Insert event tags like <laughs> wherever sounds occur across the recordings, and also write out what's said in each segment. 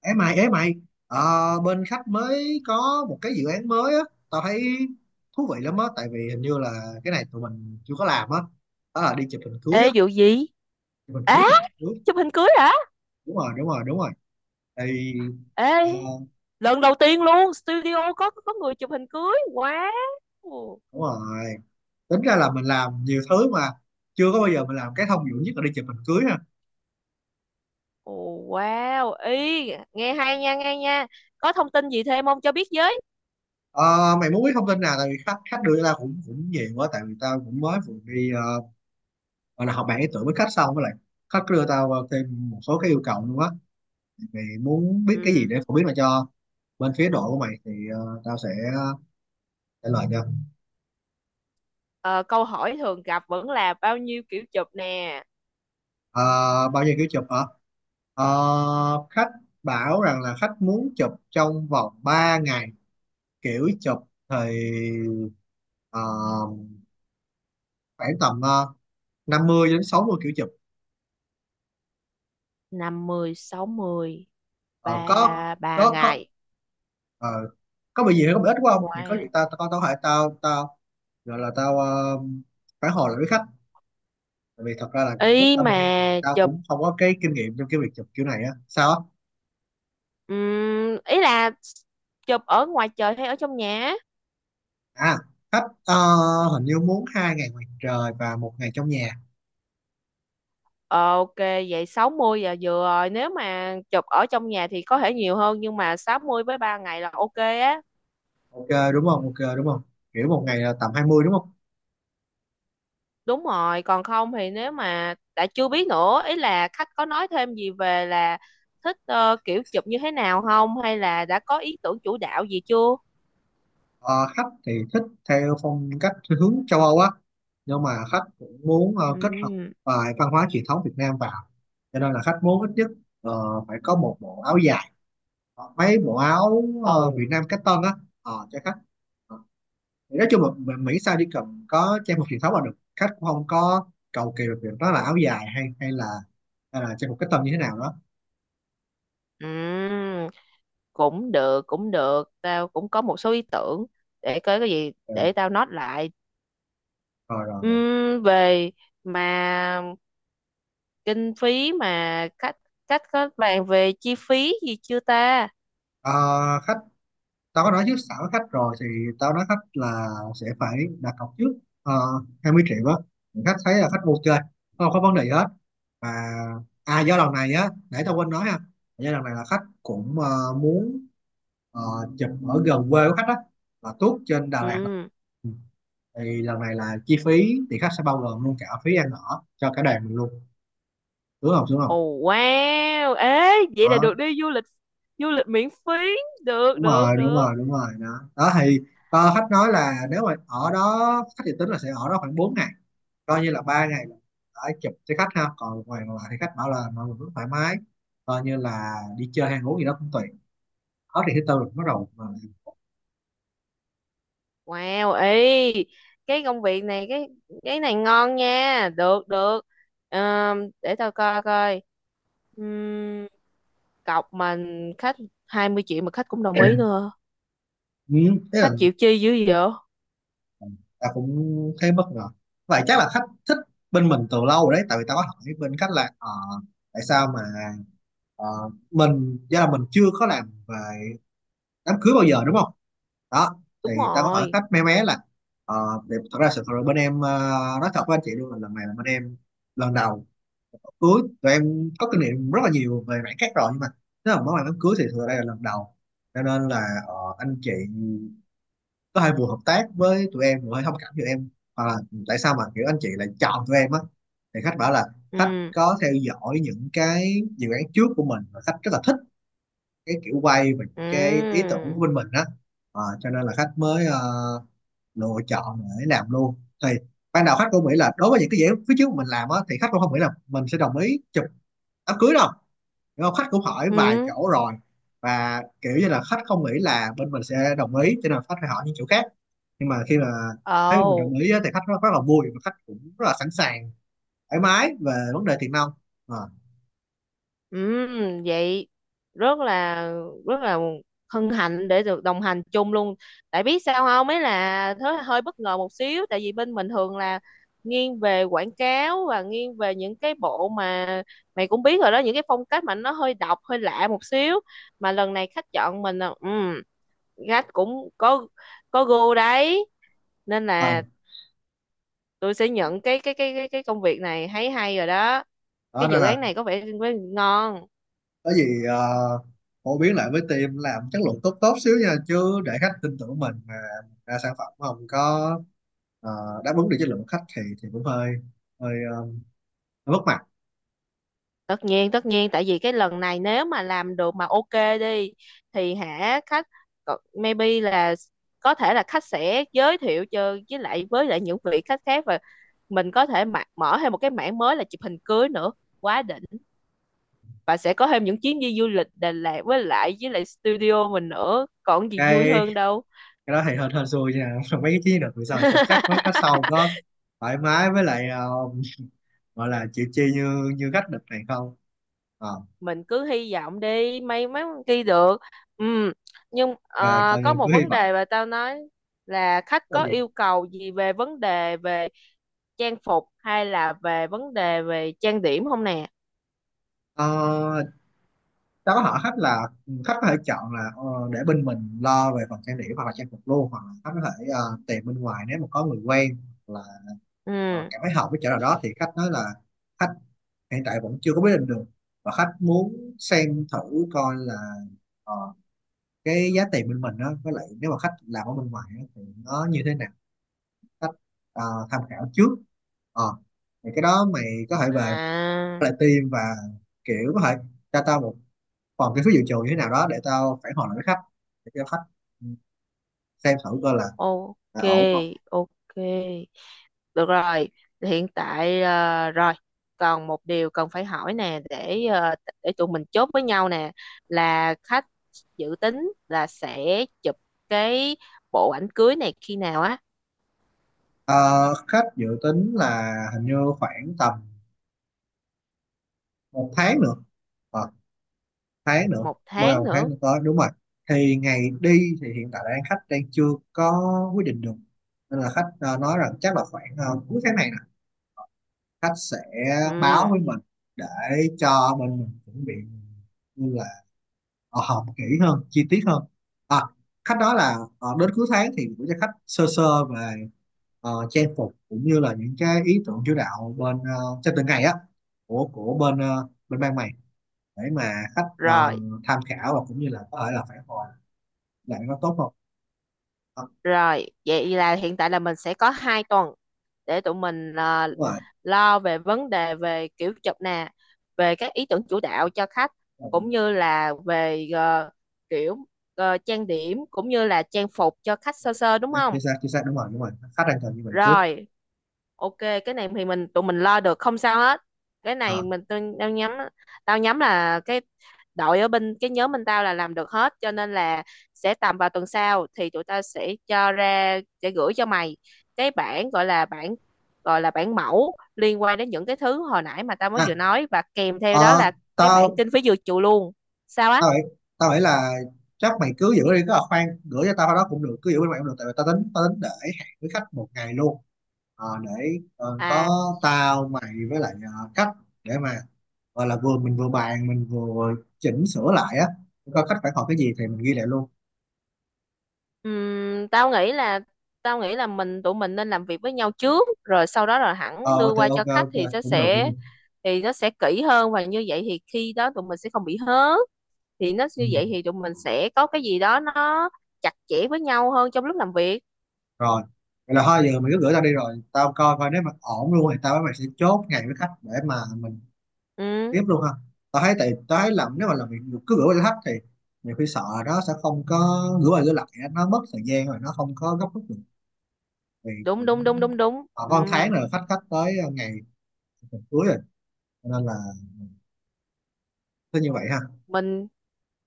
Ê mày, ờ, bên khách mới có một cái dự án mới á, tao thấy thú vị lắm á, tại vì hình như là cái này tụi mình chưa có làm á, đó là đi chụp hình cưới Ê á, vụ gì? Á, chụp hình cưới, chụp hình cưới hả? đúng rồi, đúng rồi, đúng rồi, thì ờ, Ê, lần đầu tiên luôn studio có người chụp hình cưới. Wow. Ồ, đúng rồi, tính ra là mình làm nhiều thứ mà chưa có bao giờ mình làm cái thông dụng nhất là đi chụp hình cưới ha. wow. Ý, nghe hay nha, nghe nha. Có thông tin gì thêm không cho biết với? Ờ, Mày muốn biết thông tin nào, tại vì khách khách đưa ra cũng cũng nhiều quá, tại vì tao cũng mới vừa đi gọi là học bạn ý tưởng với khách xong với lại khách đưa tao thêm một số cái yêu cầu luôn á, mày muốn biết cái gì Ừ. để phổ biến lại cho bên phía đội của mày thì tao sẽ ờ, trả lời cho. Ờ, Câu hỏi thường gặp vẫn là bao nhiêu kiểu chụp nè? Ờ, Bao nhiêu kiểu chụp hả? Khách bảo rằng là khách muốn chụp trong vòng 3 ngày, kiểu chụp thì ờ, khoảng tầm 50 đến 60 kiểu chụp. Năm mươi, sáu 60, Ờ, có 3 3 có có ngày. ờ, có bị gì hay có bị ít quá không thì có gì Wow. tao tao tao có thể tao tao gọi là phản hồi lại với khách. Tại vì thật ra là lúc Ý tao mà đi thì tao chụp cũng không có cái kinh nghiệm trong cái việc chụp kiểu này á. Sao á? Ý là chụp ở ngoài trời hay ở trong nhà? À, khách hình như muốn 2 ngày ngoài trời và một ngày trong nhà. Ờ, ok, vậy 60 giờ vừa rồi nếu mà chụp ở trong nhà thì có thể nhiều hơn nhưng mà 60 với 3 ngày là ok á. Ok đúng không? Ok đúng không? Kiểu một ngày là tầm 20 đúng không? Đúng rồi, còn không thì nếu mà đã chưa biết, nữa ý là khách có nói thêm gì về là thích kiểu chụp như thế nào không, hay là đã có ý tưởng chủ đạo gì chưa? Ờ, Khách thì thích theo phong cách hướng châu Âu á. Nhưng mà khách cũng muốn kết hợp Ừm, vài văn hóa truyền thống Việt Nam vào. Cho nên là khách muốn ít nhất ờ, phải có một bộ áo dài. Hoặc mấy bộ áo ồ. Việt Nam cách tân á. Cho khách. Ờ, Thì nói chung là Mỹ sao chỉ cần có trang phục truyền thống là được, khách cũng không có cầu kỳ về việc đó là áo dài hay hay là trang phục cách tân như thế nào đó. Ừm, cũng được, tao cũng có một số ý tưởng, để coi cái gì Ừ, để tao note lại. rồi rồi rồi. Về mà kinh phí, mà cách cách có bàn về chi phí gì chưa ta? Ờ, Khách, tao có nói trước sẵn với khách rồi thì tao nói khách là sẽ phải đặt cọc trước 20 triệu á. Thì khách thấy là khách ok, không có vấn đề gì hết, và à, do lần này á để tao quên nói ha, do lần này là khách cũng muốn ờ, chụp ở gần quê của khách á, là tuốt trên Đà Lạt. Ừ. Thì lần này là chi phí thì khách sẽ bao gồm luôn cả phí ăn ở cho cả đoàn mình luôn, đúng không đúng không? Ồ, wow, ê, vậy là Đó, được đi du lịch, du lịch miễn phí. được đúng được rồi đúng được rồi đúng rồi đó. Đó thì khách nói là nếu mà ở đó khách dự tính là sẽ ở đó khoảng 4 ngày, coi như là 3 ngày là đã chụp cho khách ha, còn một ngày còn lại thì khách bảo là mọi người cứ thoải mái, coi như là đi chơi ăn uống gì đó cũng tùy. Đó thì thứ tư là bắt đầu mà. Wow, ê, cái công việc này, cái này ngon nha. Được được. Để tao coi coi. Ừm, cọc mình khách 20 triệu mà khách cũng đồng ý nữa, Ừ, thế là khách chịu chi dữ vậy. tao cũng thấy bất ngờ. Vậy chắc là khách thích bên mình từ lâu rồi đấy, tại vì tao có hỏi bên khách là tại sao mà ờ, mình, do là mình chưa có làm về đám cưới bao giờ đúng không. Đó thì Đúng tao có hỏi rồi. khách mé mé là ờ, để, thật ra sự thật là bên em nói thật với anh chị luôn là lần này là bên em lần đầu cưới, tụi em có kinh nghiệm rất là nhiều về mảng khác rồi nhưng mà nếu mà nói về đám cưới thì thực ra đây là lần đầu, cho nên là anh chị có hơi vừa hợp tác với tụi em vừa hơi thông cảm cho em. Hoặc là tại sao mà kiểu anh chị lại chọn tụi em á, thì khách bảo là khách Ừ, có theo dõi những cái dự án trước của mình và khách rất là thích cái kiểu quay và những cái ý ừ, tưởng của bên mình á. Cho nên là khách mới lựa chọn để làm luôn. Thì ban đầu khách cũng nghĩ là đối với những cái dự án phía trước mình làm á thì khách cũng không nghĩ là mình sẽ đồng ý chụp đám cưới đâu. Đúng không? Khách cũng hỏi vài ừ, chỗ rồi, và kiểu như là khách không nghĩ là bên mình sẽ đồng ý cho nên là khách phải hỏi những chỗ khác. Nhưng mà khi mà thấy mình đồng ồ. ý á, thì khách rất, rất là vui và khách cũng rất là sẵn sàng thoải mái về vấn đề tiền nong. À, Vậy rất là rất là hân hạnh để được đồng hành chung luôn. Tại biết sao không? Ấy là thế hơi bất ngờ một xíu tại vì bên mình thường là nghiêng về quảng cáo và nghiêng về những cái bộ mà mày cũng biết rồi đó, những cái phong cách mà nó hơi độc, hơi lạ một xíu. Mà lần này khách chọn mình là khách cũng có gu đấy. Nên à, là tôi sẽ nhận cái công việc này, thấy hay rồi đó. đó Cái nên dự là án này có vẻ ngon. có gì phổ biến lại với team làm chất lượng tốt tốt xíu nha, chứ để khách tin tưởng mình mà ra sản phẩm không có đáp ứng được chất lượng của khách thì cũng hơi hơi ờ, hơi mất mặt. Tất nhiên, tất nhiên, tại vì cái lần này nếu mà làm được mà ok đi thì hả, khách có- maybe là có thể là khách sẽ giới thiệu cho với lại những vị khách khác, và mình có thể mạ- mở thêm một cái mảng mới là chụp hình cưới nữa, quá đỉnh. Và sẽ có thêm những chuyến đi du lịch Đà Lạt với lại studio mình nữa, còn gì vui cái hơn đâu. cái đó thì hơn hơn xui nha <laughs> mấy cái chiến lược bây giờ không chắc mấy khách sau <laughs> có thoải mái với lại gọi là chịu chi như như khách địch này không. ờ Mình cứ hy vọng đi, may mắn ghi được. Ừ. Nhưng À, coi có như một cứ hy vấn vọng. đề mà tao nói, là khách Là có gì? yêu cầu gì về vấn đề về trang phục hay là về vấn đề về trang điểm không nè? ờ, Tao có hỏi khách là ừ, khách có thể chọn là để bên mình lo về phần trang điểm hoặc là trang phục luôn, hoặc là khách có thể tìm bên ngoài nếu mà có người quen hoặc là Ừ, cảm thấy hợp với chỗ nào đó. Thì khách nói là khách hiện tại vẫn chưa có quyết định được và khách muốn xem thử coi là ờ, cái giá tiền bên mình đó, với lại nếu mà khách làm ở bên ngoài á, thì nó như thế nào. Khách ờ, tham khảo trước. ờ thì cái đó mày có thể về à, lại team và kiểu có thể cho tao một phần cái phiếu dự trù như thế nào đó để tao phản hồi lại với khách, để cho khách ừ, xem thử coi ok, là ổn không. ok. Được rồi, hiện tại rồi, còn một điều cần phải hỏi nè để để tụi mình chốt với nhau nè, là khách dự tính là sẽ chụp cái bộ ảnh cưới này khi nào á? Ờ, Khách dự tính là hình như khoảng tầm một tháng nữa. Ờ, Thái nữa, Một bao tháng đầu Thái nữa. nữa tới đúng rồi. Thì ngày đi thì hiện tại đang khách đang chưa có quyết định được, nên là khách nói rằng chắc là khoảng cuối tháng này nè khách sẽ báo Ừ, với mình để cho bên mình chuẩn bị, như là họp kỹ hơn chi tiết hơn. À, khách nói là đến cuối tháng thì gửi cho khách sơ sơ về trang phục cũng như là những cái ý tưởng chủ đạo bên cho từng ngày á, của bên bên ban mày, để mà khách rồi. tham khảo và cũng như là có thể là phản hồi lại nó tốt không. Ờ, Rồi, vậy là hiện tại là mình sẽ có hai tuần để tụi mình à, Đúng rồi. lo về vấn đề về kiểu chụp nè, về các ý tưởng chủ đạo cho khách, Ừ, cũng như là về kiểu trang điểm cũng như là trang phục cho khách sơ sơ, đúng à, không? Chính xác đúng rồi đúng rồi, khách đang cần như vậy trước. Rồi, ok, cái này thì mình tụi mình lo được, không sao hết. Cái này Ờ. mình tôi tao nhắm, tao nhắm là cái đội ở bên cái nhóm bên tao là làm được hết, cho nên là sẽ tầm vào tuần sau thì tụi tao sẽ cho ra sẽ gửi cho mày cái bản gọi là bản, gọi là bản mẫu liên quan đến những cái thứ hồi nãy mà tao mới À, vừa nói, và kèm theo đó ờ, là cái bản tao kinh phí dự trù luôn. Sao á? tao nghĩ tao nghĩ là chắc mày cứ giữ đi, cứ là khoan gửi cho tao cái đó cũng được, cứ giữ bên mày cũng được, tại vì tao tính để hẹn với khách một ngày luôn. Để có À, tao mày với lại khách, để mà gọi là vừa mình vừa bàn mình vừa chỉnh sửa lại á, coi khách phản hồi cái gì thì mình ghi lại luôn. ừm, tao nghĩ là mình tụi mình nên làm việc với nhau trước rồi sau đó là hẳn Ờ đưa thì qua ok cho khách ok thì nó cũng được cũng sẽ, được. thì nó sẽ kỹ hơn và như vậy thì khi đó tụi mình sẽ không bị hớ, thì nó Ừ. như vậy thì tụi mình sẽ có cái gì đó nó chặt chẽ với nhau hơn trong lúc làm việc. Rồi, vậy là thôi giờ mày cứ gửi tao đi rồi tao coi coi, nếu mà ổn luôn thì tao với mày sẽ chốt ngày với khách để mà mình Ừ, tiếp luôn ha. Tao thấy, tại tao thấy làm nếu mà làm việc cứ gửi cho khách thì nhiều khi sợ nó sẽ không có, gửi qua gửi lại á, nó mất thời gian rồi nó không có gấp rút được, thì đúng cũng đúng đúng đúng đúng họ ừ. có một tháng rồi, khách khách tới ngày tuần cuối rồi, cho nên là cứ như vậy ha. Mình,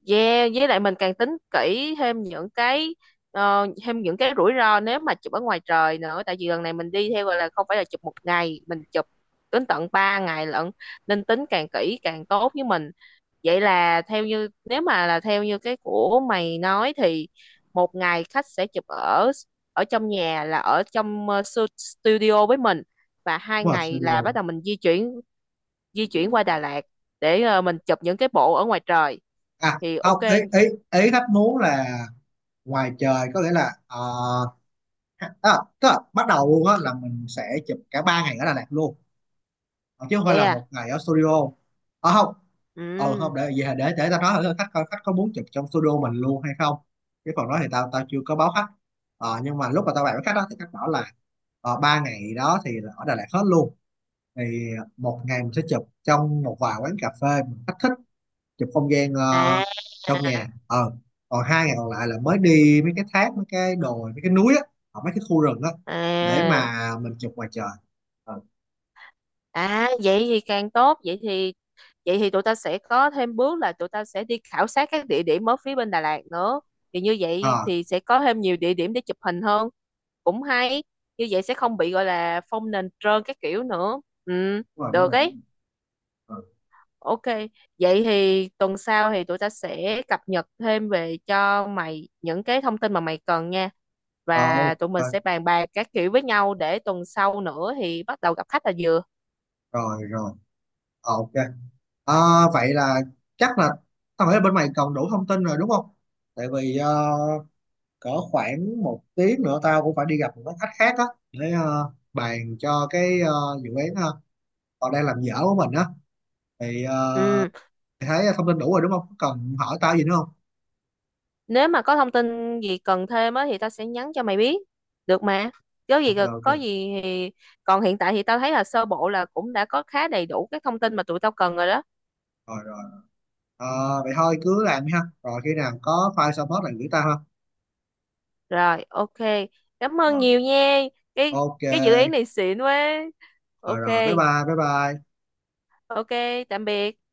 yeah, với lại mình càng tính kỹ thêm những cái thêm những cái rủi ro nếu mà chụp ở ngoài trời nữa, tại vì lần này mình đi theo gọi là không phải là chụp một ngày, mình chụp đến tận 3 ngày lận, nên tính càng kỹ càng tốt với mình. Vậy là theo như, nếu mà là theo như cái của mày nói thì một ngày khách sẽ chụp ở, ở trong nhà là ở trong su- studio với mình, và Đúng hai rồi, ngày sơ là đồ, bắt đầu mình di chuyển, di chuyển qua Đà Lạt để mình chụp những cái bộ ở ngoài trời, à thì ok. không, ý ý ý khách muốn là ngoài trời, có nghĩa là à, tức là bắt đầu luôn á là mình sẽ chụp cả 3 ngày ở Đà Lạt luôn. Ờ, Chứ không phải Vậy là à? một ngày ở studio. Ờ không, ờ Ừ, không, để gì, để tao nói thử khách coi khách có muốn chụp trong studio mình luôn hay không. Cái phần đó thì tao tao chưa có báo khách. Nhưng mà lúc mà tao bàn với khách đó thì khách bảo là 3 ngày đó thì là ở Đà Lạt hết luôn. Thì một ngày mình sẽ chụp trong một vài quán cà phê mình khách thích, chụp không gian à, trong nhà. Ờ Còn 2 ngày còn lại là mới đi mấy cái thác mấy cái đồi mấy cái núi á, hoặc mấy cái khu rừng á, để à, mà mình chụp ngoài trời. ờ à, vậy thì càng tốt, vậy thì, vậy thì tụi ta sẽ có thêm bước là tụi ta sẽ đi khảo sát các địa điểm ở phía bên Đà Lạt nữa, thì như vậy À, thì sẽ có thêm nhiều địa điểm để chụp hình hơn, cũng hay, như vậy sẽ không bị gọi là phong nền trơn các kiểu nữa. Ừ, đúng rồi đúng được rồi, ấy. đúng rồi. Ok, vậy thì tuần sau thì tụi ta sẽ cập nhật thêm về cho mày những cái thông tin mà mày cần nha. Ờ, Và tụi mình ok sẽ bàn bạc các kiểu với nhau để tuần sau nữa thì bắt đầu gặp khách là vừa. rồi rồi. Ok. Ờ, Vậy là chắc là tao nghĩ là bên mày còn đủ thông tin rồi đúng không? Tại vì cỡ khoảng một tiếng nữa tao cũng phải đi gặp một cái khách khác á, để bàn cho cái dự án họ đang làm dở của mình á. Thì Ừ, mày thấy thông tin đủ rồi đúng không? Có cần hỏi tao gì nữa không? nếu mà có thông tin gì cần thêm á thì tao sẽ nhắn cho mày biết. Được mà. Có gì Ok có ok. gì thì, còn hiện tại thì tao thấy là sơ bộ là cũng đã có khá đầy đủ các thông tin mà tụi tao cần rồi đó. Rồi rồi. Ờ, Vậy thôi cứ làm đi ha. Rồi khi nào có file xong hết là gửi tao ha. Rồi, ok. Cảm ơn Rồi. nhiều nha. Cái Ok. cái dự án này xịn quá. Rồi Ok. rồi. Bye bye. Bye bye. Ok, tạm biệt.